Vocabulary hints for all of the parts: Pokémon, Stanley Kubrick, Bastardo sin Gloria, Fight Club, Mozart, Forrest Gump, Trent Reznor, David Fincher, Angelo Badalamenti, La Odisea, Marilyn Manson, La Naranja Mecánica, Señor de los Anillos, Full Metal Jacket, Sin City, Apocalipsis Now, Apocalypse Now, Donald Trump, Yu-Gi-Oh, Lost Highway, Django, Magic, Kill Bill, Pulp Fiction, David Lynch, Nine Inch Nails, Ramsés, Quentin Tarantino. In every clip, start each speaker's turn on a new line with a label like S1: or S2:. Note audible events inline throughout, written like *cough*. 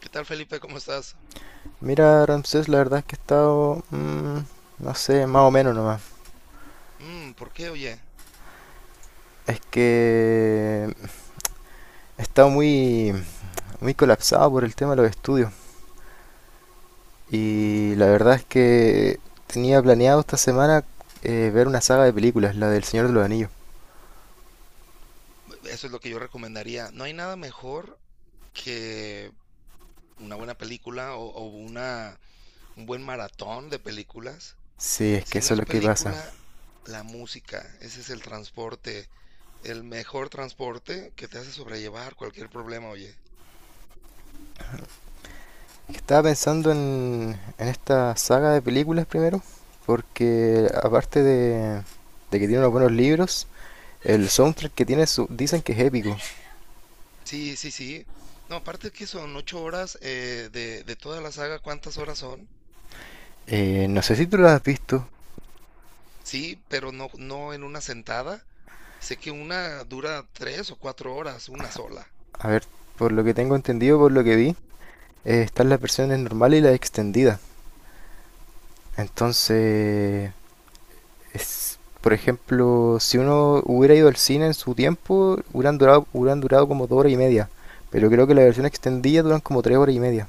S1: ¿Qué tal, Felipe? ¿Cómo estás?
S2: Mira, Ramsés, la verdad es que he estado, no sé, más o menos nomás.
S1: ¿Por qué, oye?
S2: Es que he estado muy colapsado por el tema de los estudios.
S1: Mm,
S2: Y la verdad es que tenía planeado esta semana ver una saga de películas, la del Señor de los Anillos.
S1: Eso es lo que yo recomendaría. No hay nada mejor que una buena película o, un buen maratón de películas.
S2: Sí, es que
S1: Si no
S2: eso es
S1: es
S2: lo que pasa.
S1: película, la música, ese es el transporte, el mejor transporte que te hace sobrellevar cualquier problema, oye.
S2: Estaba pensando en esta saga de películas primero, porque aparte de que tiene unos buenos libros, el soundtrack que tiene dicen que es épico.
S1: Sí, sí, sí. No, aparte que son 8 horas de, toda la saga, ¿cuántas horas son?
S2: No sé si tú lo has visto.
S1: Sí, pero no, no en una sentada. Sé que una dura 3 o 4 horas, una sola.
S2: A ver, por lo que tengo entendido, por lo que vi, están las versiones normales y las extendidas. Entonces, es, por ejemplo, si uno hubiera ido al cine en su tiempo, hubieran durado como dos horas y media. Pero creo que la versión extendida duran como tres horas y media.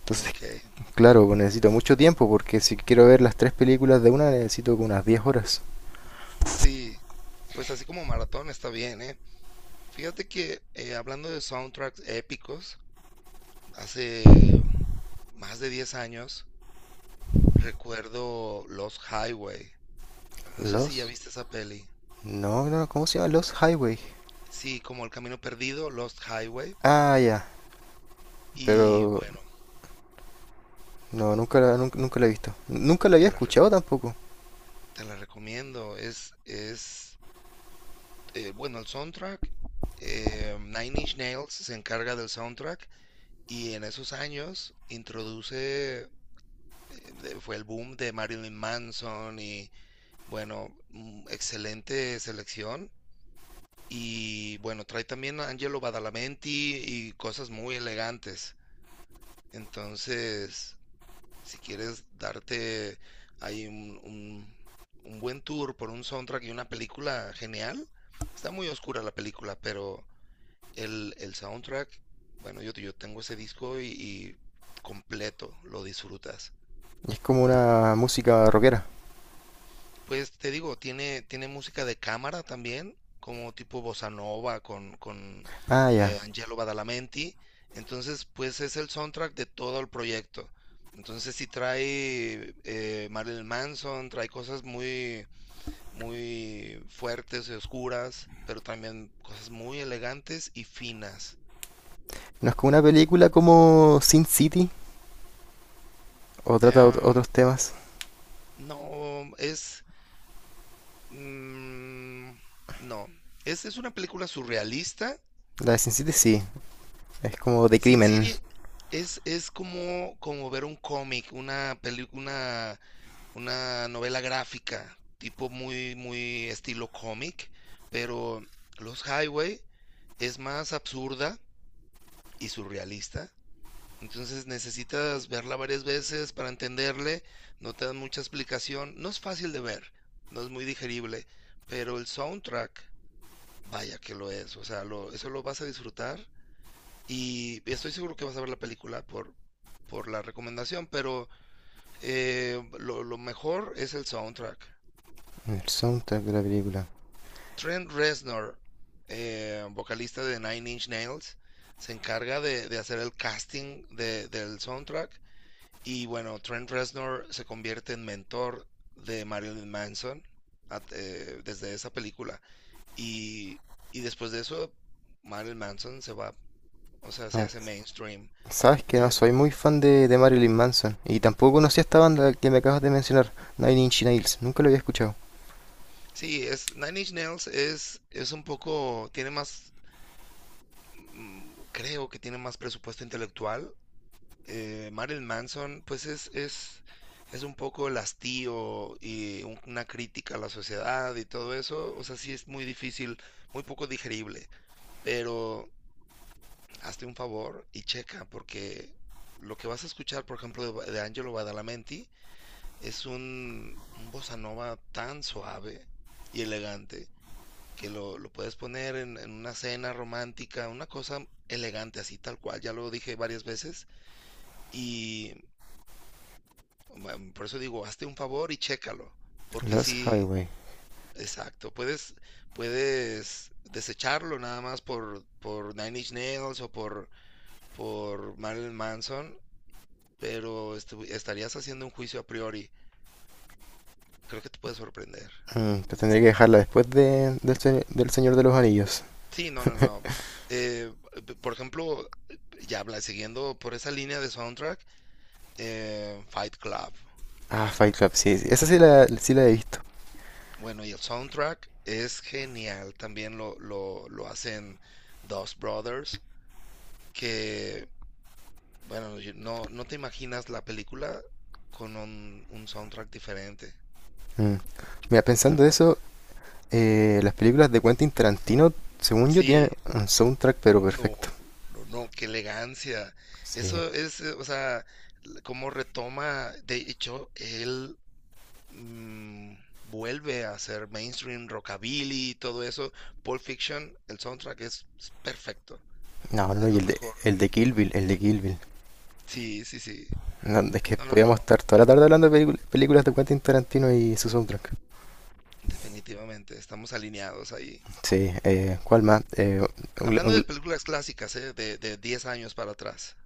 S2: Entonces,
S1: Okey.
S2: *laughs* claro, pues necesito mucho tiempo porque si quiero ver las tres películas de una necesito como unas diez horas.
S1: Sí, pues así como maratón está bien, ¿eh? Fíjate que, hablando de soundtracks épicos, hace más de 10 años recuerdo Lost Highway. No sé si ya
S2: Los...
S1: viste esa peli.
S2: No, no, ¿cómo se llama? Los Highway.
S1: Sí, como El Camino Perdido, Lost Highway.
S2: Ah, ya.
S1: Y
S2: Pero
S1: bueno,
S2: no, nunca la he visto. Nunca la había
S1: te la re
S2: escuchado tampoco.
S1: te la recomiendo. Bueno, el soundtrack, Nine Inch Nails se encarga del soundtrack. Y en esos años introduce, fue el boom de Marilyn Manson y bueno, excelente selección. Y bueno, trae también a Angelo Badalamenti y cosas muy elegantes. Entonces, si quieres darte ahí un buen tour por un soundtrack y una película genial, está muy oscura la película, pero el soundtrack, bueno, yo tengo ese disco y completo lo disfrutas.
S2: Es como una música rockera.
S1: Pues te digo, tiene música de cámara también, como tipo bossa nova con
S2: Ah, ya.
S1: Angelo Badalamenti. Entonces, pues es el soundtrack de todo el proyecto. Entonces, sí trae Marilyn Manson, trae cosas muy, muy fuertes y oscuras, pero también cosas muy elegantes y finas.
S2: No es como una película como Sin City o trata
S1: Eh,
S2: otros temas.
S1: no, Mm, no, es una película surrealista.
S2: La de Sin City sí, es como de
S1: Sin
S2: crimen.
S1: City es como, ver un cómic, una novela gráfica, tipo muy, muy estilo cómic, pero Los Highway es más absurda y surrealista. Entonces necesitas verla varias veces para entenderle, no te dan mucha explicación, no es fácil de ver, no es muy digerible, pero el soundtrack, vaya que lo es. O sea, eso lo vas a disfrutar y estoy seguro que vas a ver la película por la recomendación, pero lo mejor es el soundtrack.
S2: El soundtrack de la película.
S1: Trent Reznor, vocalista de Nine Inch Nails, se encarga de hacer el casting del soundtrack. Y bueno, Trent Reznor se convierte en mentor de Marilyn Manson desde esa película, y, y después de eso, Marilyn Manson se va. O sea,
S2: A
S1: se
S2: ver,
S1: hace mainstream.
S2: sabes que no
S1: Es,
S2: soy muy fan de Marilyn Manson y tampoco conocía esta banda que me acabas de mencionar, Nine Inch Nails. Nunca lo había escuchado.
S1: sí, es Nine Inch Nails es un poco, tiene más, creo que tiene más presupuesto intelectual. Marilyn Manson, pues es un poco el hastío y una crítica a la sociedad y todo eso. O sea, sí es muy difícil, muy poco digerible. Pero hazte un favor y checa, porque lo que vas a escuchar, por ejemplo, de Angelo Badalamenti. Es un bossa nova tan suave y elegante que lo puedes poner en una cena romántica, una cosa elegante así tal cual, ya lo dije varias veces. Y por eso digo, hazte un favor y chécalo, porque
S2: Los
S1: sí,
S2: Highway.
S1: exacto, puedes desecharlo nada más por Nine Inch Nails o por Marilyn Manson, pero estarías haciendo un juicio a priori. Creo que te puede sorprender.
S2: Mm, te tendré que dejarla después del Señor de los Anillos.
S1: Sí, no, no, no. Eh, por ejemplo, ya habla, siguiendo por esa línea de soundtrack, Fight Club.
S2: Ah, Fight Club, sí, sí, esa sí la, sí la he visto.
S1: Bueno, y el soundtrack es genial. También lo hacen Dos Brothers, que, bueno, no, no te imaginas la película con un soundtrack diferente,
S2: Mm. Mira, pensando
S1: totalmente.
S2: eso, las películas de Quentin Tarantino, según yo, tienen
S1: Sí,
S2: un soundtrack pero
S1: no,
S2: perfecto.
S1: no, no, qué elegancia.
S2: Sí.
S1: Eso es, o sea, cómo retoma, de hecho, él, mm, vuelve a ser mainstream, rockabilly, todo eso. Pulp Fiction, el soundtrack es perfecto,
S2: No, no,
S1: es
S2: y
S1: lo mejor.
S2: el de Kill Bill, el de Kill Bill.
S1: Sí, sí, sí.
S2: No, es que
S1: No, no,
S2: podíamos
S1: no,
S2: estar toda la tarde hablando de películas de Quentin Tarantino y su soundtrack.
S1: definitivamente, estamos alineados ahí.
S2: Sí, ¿cuál más? Un-
S1: Hablando de
S2: un-
S1: películas clásicas, ¿eh? De 10 años para atrás,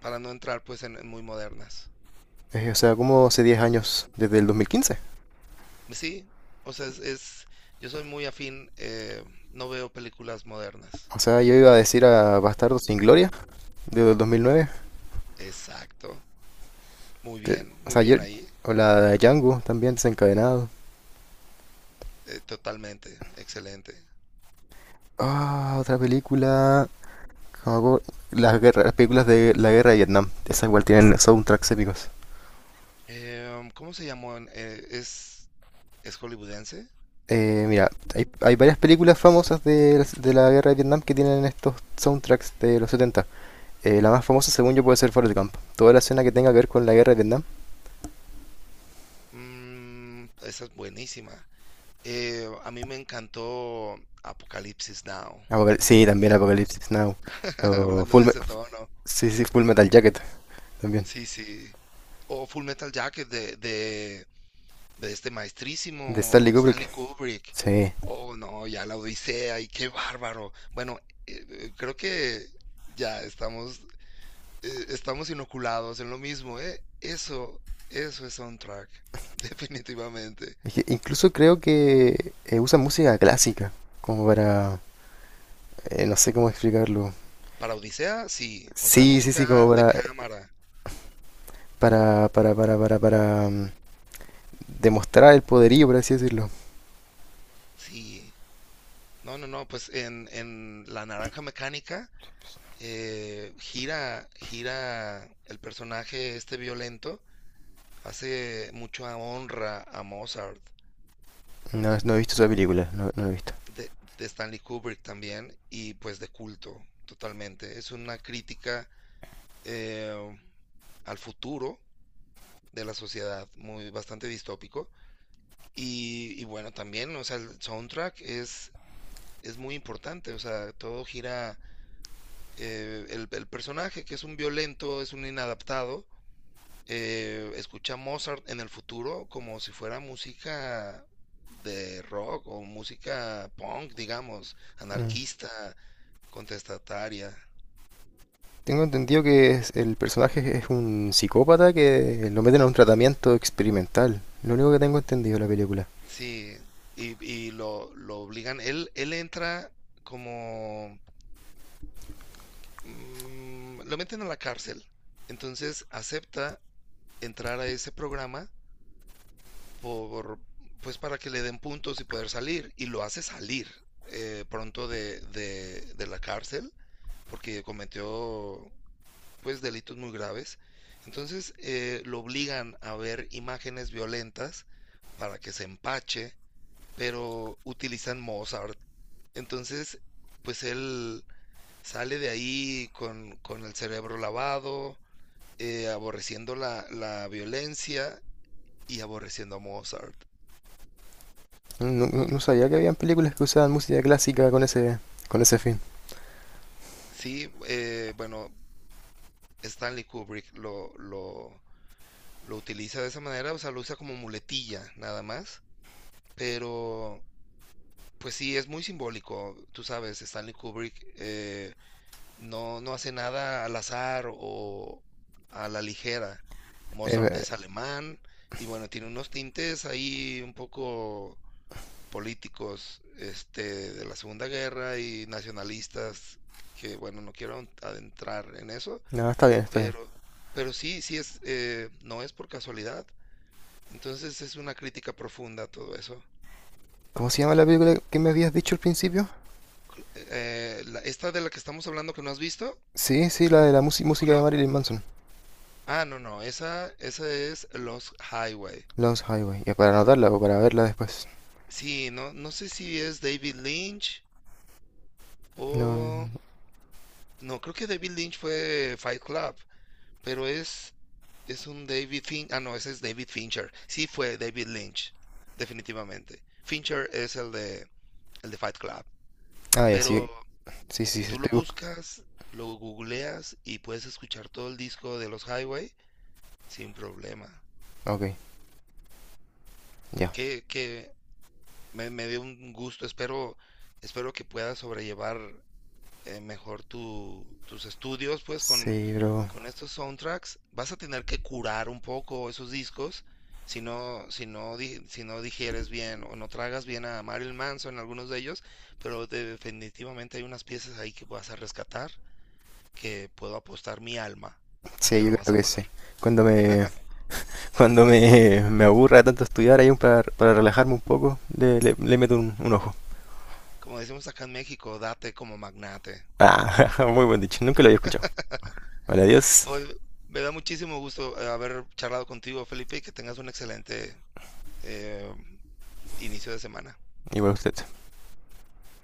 S1: para no entrar pues en muy modernas.
S2: o sea, como hace 10 años desde el 2015.
S1: Sí, o sea, yo soy muy afín, no veo películas modernas.
S2: O sea, yo iba a decir a Bastardo sin Gloria desde el 2009.
S1: Exacto,
S2: Pero, o
S1: muy
S2: sea, yo...
S1: bien ahí,
S2: O la de Django también desencadenado.
S1: totalmente, excelente.
S2: Ah, otra película. Hago las películas de la guerra de Vietnam. Esas igual tienen soundtracks épicos.
S1: ¿Cómo se llamó? Es hollywoodense?
S2: Mira, hay varias películas famosas de la guerra de Vietnam que tienen estos soundtracks de los setenta. La más famosa, según yo, puede ser Forrest Gump. Toda la escena que tenga que ver con la guerra de Vietnam.
S1: Esa es buenísima. A mí me encantó Apocalipsis Now,
S2: Sí, también Apocalypse Now.
S1: *laughs*
S2: O
S1: hablando
S2: Full,
S1: de
S2: Me-
S1: ese tono.
S2: sí, sí, Full Metal Jacket también.
S1: Sí, sí. O Full Metal Jacket de este
S2: De
S1: maestrísimo
S2: Stanley
S1: Stanley
S2: Kubrick.
S1: Kubrick.
S2: Sí.
S1: Oh, no, ya La Odisea, y qué bárbaro. Bueno, creo que ya estamos inoculados en lo mismo, ¿eh? Eso es soundtrack, *laughs* definitivamente.
S2: Es que incluso creo que usan música clásica como para... no sé cómo explicarlo.
S1: Para Odisea, sí. O sea,
S2: Sí, sí, sí, como
S1: música de
S2: para
S1: cámara,
S2: para, para, para, para, para mm, demostrar el poderío, por así decirlo.
S1: sí. No, no, no, pues en La Naranja Mecánica, gira el personaje este violento, hace mucho a honra a Mozart,
S2: No, no he visto esa película, no, no he visto.
S1: de Stanley Kubrick también, y pues de culto, totalmente. Es una crítica, eh, al futuro de la sociedad, muy bastante distópico. Y bueno, también, o sea, el soundtrack es muy importante. O sea, todo gira, el personaje que es un violento, es un inadaptado, escucha Mozart en el futuro como si fuera música de rock o música punk, digamos,
S2: Mm.
S1: anarquista, contestataria.
S2: Tengo entendido que el personaje es un psicópata que lo meten a un tratamiento experimental. Lo único que tengo entendido de la película.
S1: Sí, y lo obligan, él entra como, lo meten a la cárcel. Entonces acepta entrar a ese programa, por, pues para que le den puntos y poder salir. Y lo hace salir pronto de la cárcel, porque cometió pues delitos muy graves. Entonces lo obligan a ver imágenes violentas para que se empache, pero utilizan Mozart. Entonces, pues él sale de ahí con el cerebro lavado, aborreciendo la violencia y aborreciendo a Mozart.
S2: No, no sabía que habían películas que usaban música clásica con ese fin.
S1: Sí, bueno, Stanley Kubrick lo utiliza de esa manera. O sea, lo usa como muletilla nada más, pero pues sí, es muy simbólico, tú sabes, Stanley Kubrick, no, no hace nada al azar o a la ligera. Mozart
S2: Eh,
S1: es alemán, y bueno, tiene unos tintes ahí un poco políticos este, de la Segunda Guerra y nacionalistas, que bueno, no quiero adentrar en eso,
S2: no, está bien, está bien.
S1: pero, sí, sí no es por casualidad. Entonces es una crítica profunda a todo eso.
S2: ¿Cómo se llama la película que me habías dicho al principio?
S1: Esta de la que estamos hablando que no has visto,
S2: Sí, sí, la de la música de
S1: Clock.
S2: Marilyn Manson.
S1: Ah, no, no, esa es Los Highway.
S2: Lost Highway. Ya para anotarla o para verla después.
S1: Sí, no, no sé si es David Lynch
S2: No.
S1: o. No, creo que David Lynch fue Fight Club. Pero es un David Fincher. Ah, no, ese es David Fincher. Sí fue David Lynch, definitivamente. Fincher es el de Fight Club.
S2: Ah, ya, sí,
S1: Pero
S2: sí, sí, sí,
S1: tú lo
S2: estoy buscando.
S1: buscas, lo googleas y puedes escuchar todo el disco de Los Highway sin problema.
S2: Ok, ya.
S1: Que me dio un gusto. Espero que puedas sobrellevar mejor tus estudios, pues
S2: Sí, bro.
S1: con estos soundtracks vas a tener que curar un poco esos discos, si no digieres bien o no tragas bien a Marilyn Manson, algunos de ellos, pero definitivamente hay unas piezas ahí que vas a rescatar, que puedo apostar mi alma a
S2: Sí,
S1: que
S2: yo
S1: lo vas a
S2: creo que
S1: amar.
S2: sí. Cuando me, *laughs* cuando me aburra tanto estudiar ahí un para relajarme un poco, le meto un ojo.
S1: Como decimos acá en México, date como magnate.
S2: Ah, *laughs* muy buen dicho, nunca lo había escuchado. Vale, adiós.
S1: Oye, me da muchísimo gusto haber charlado contigo, Felipe, y que tengas un excelente, eh, inicio de semana.
S2: Igual a usted.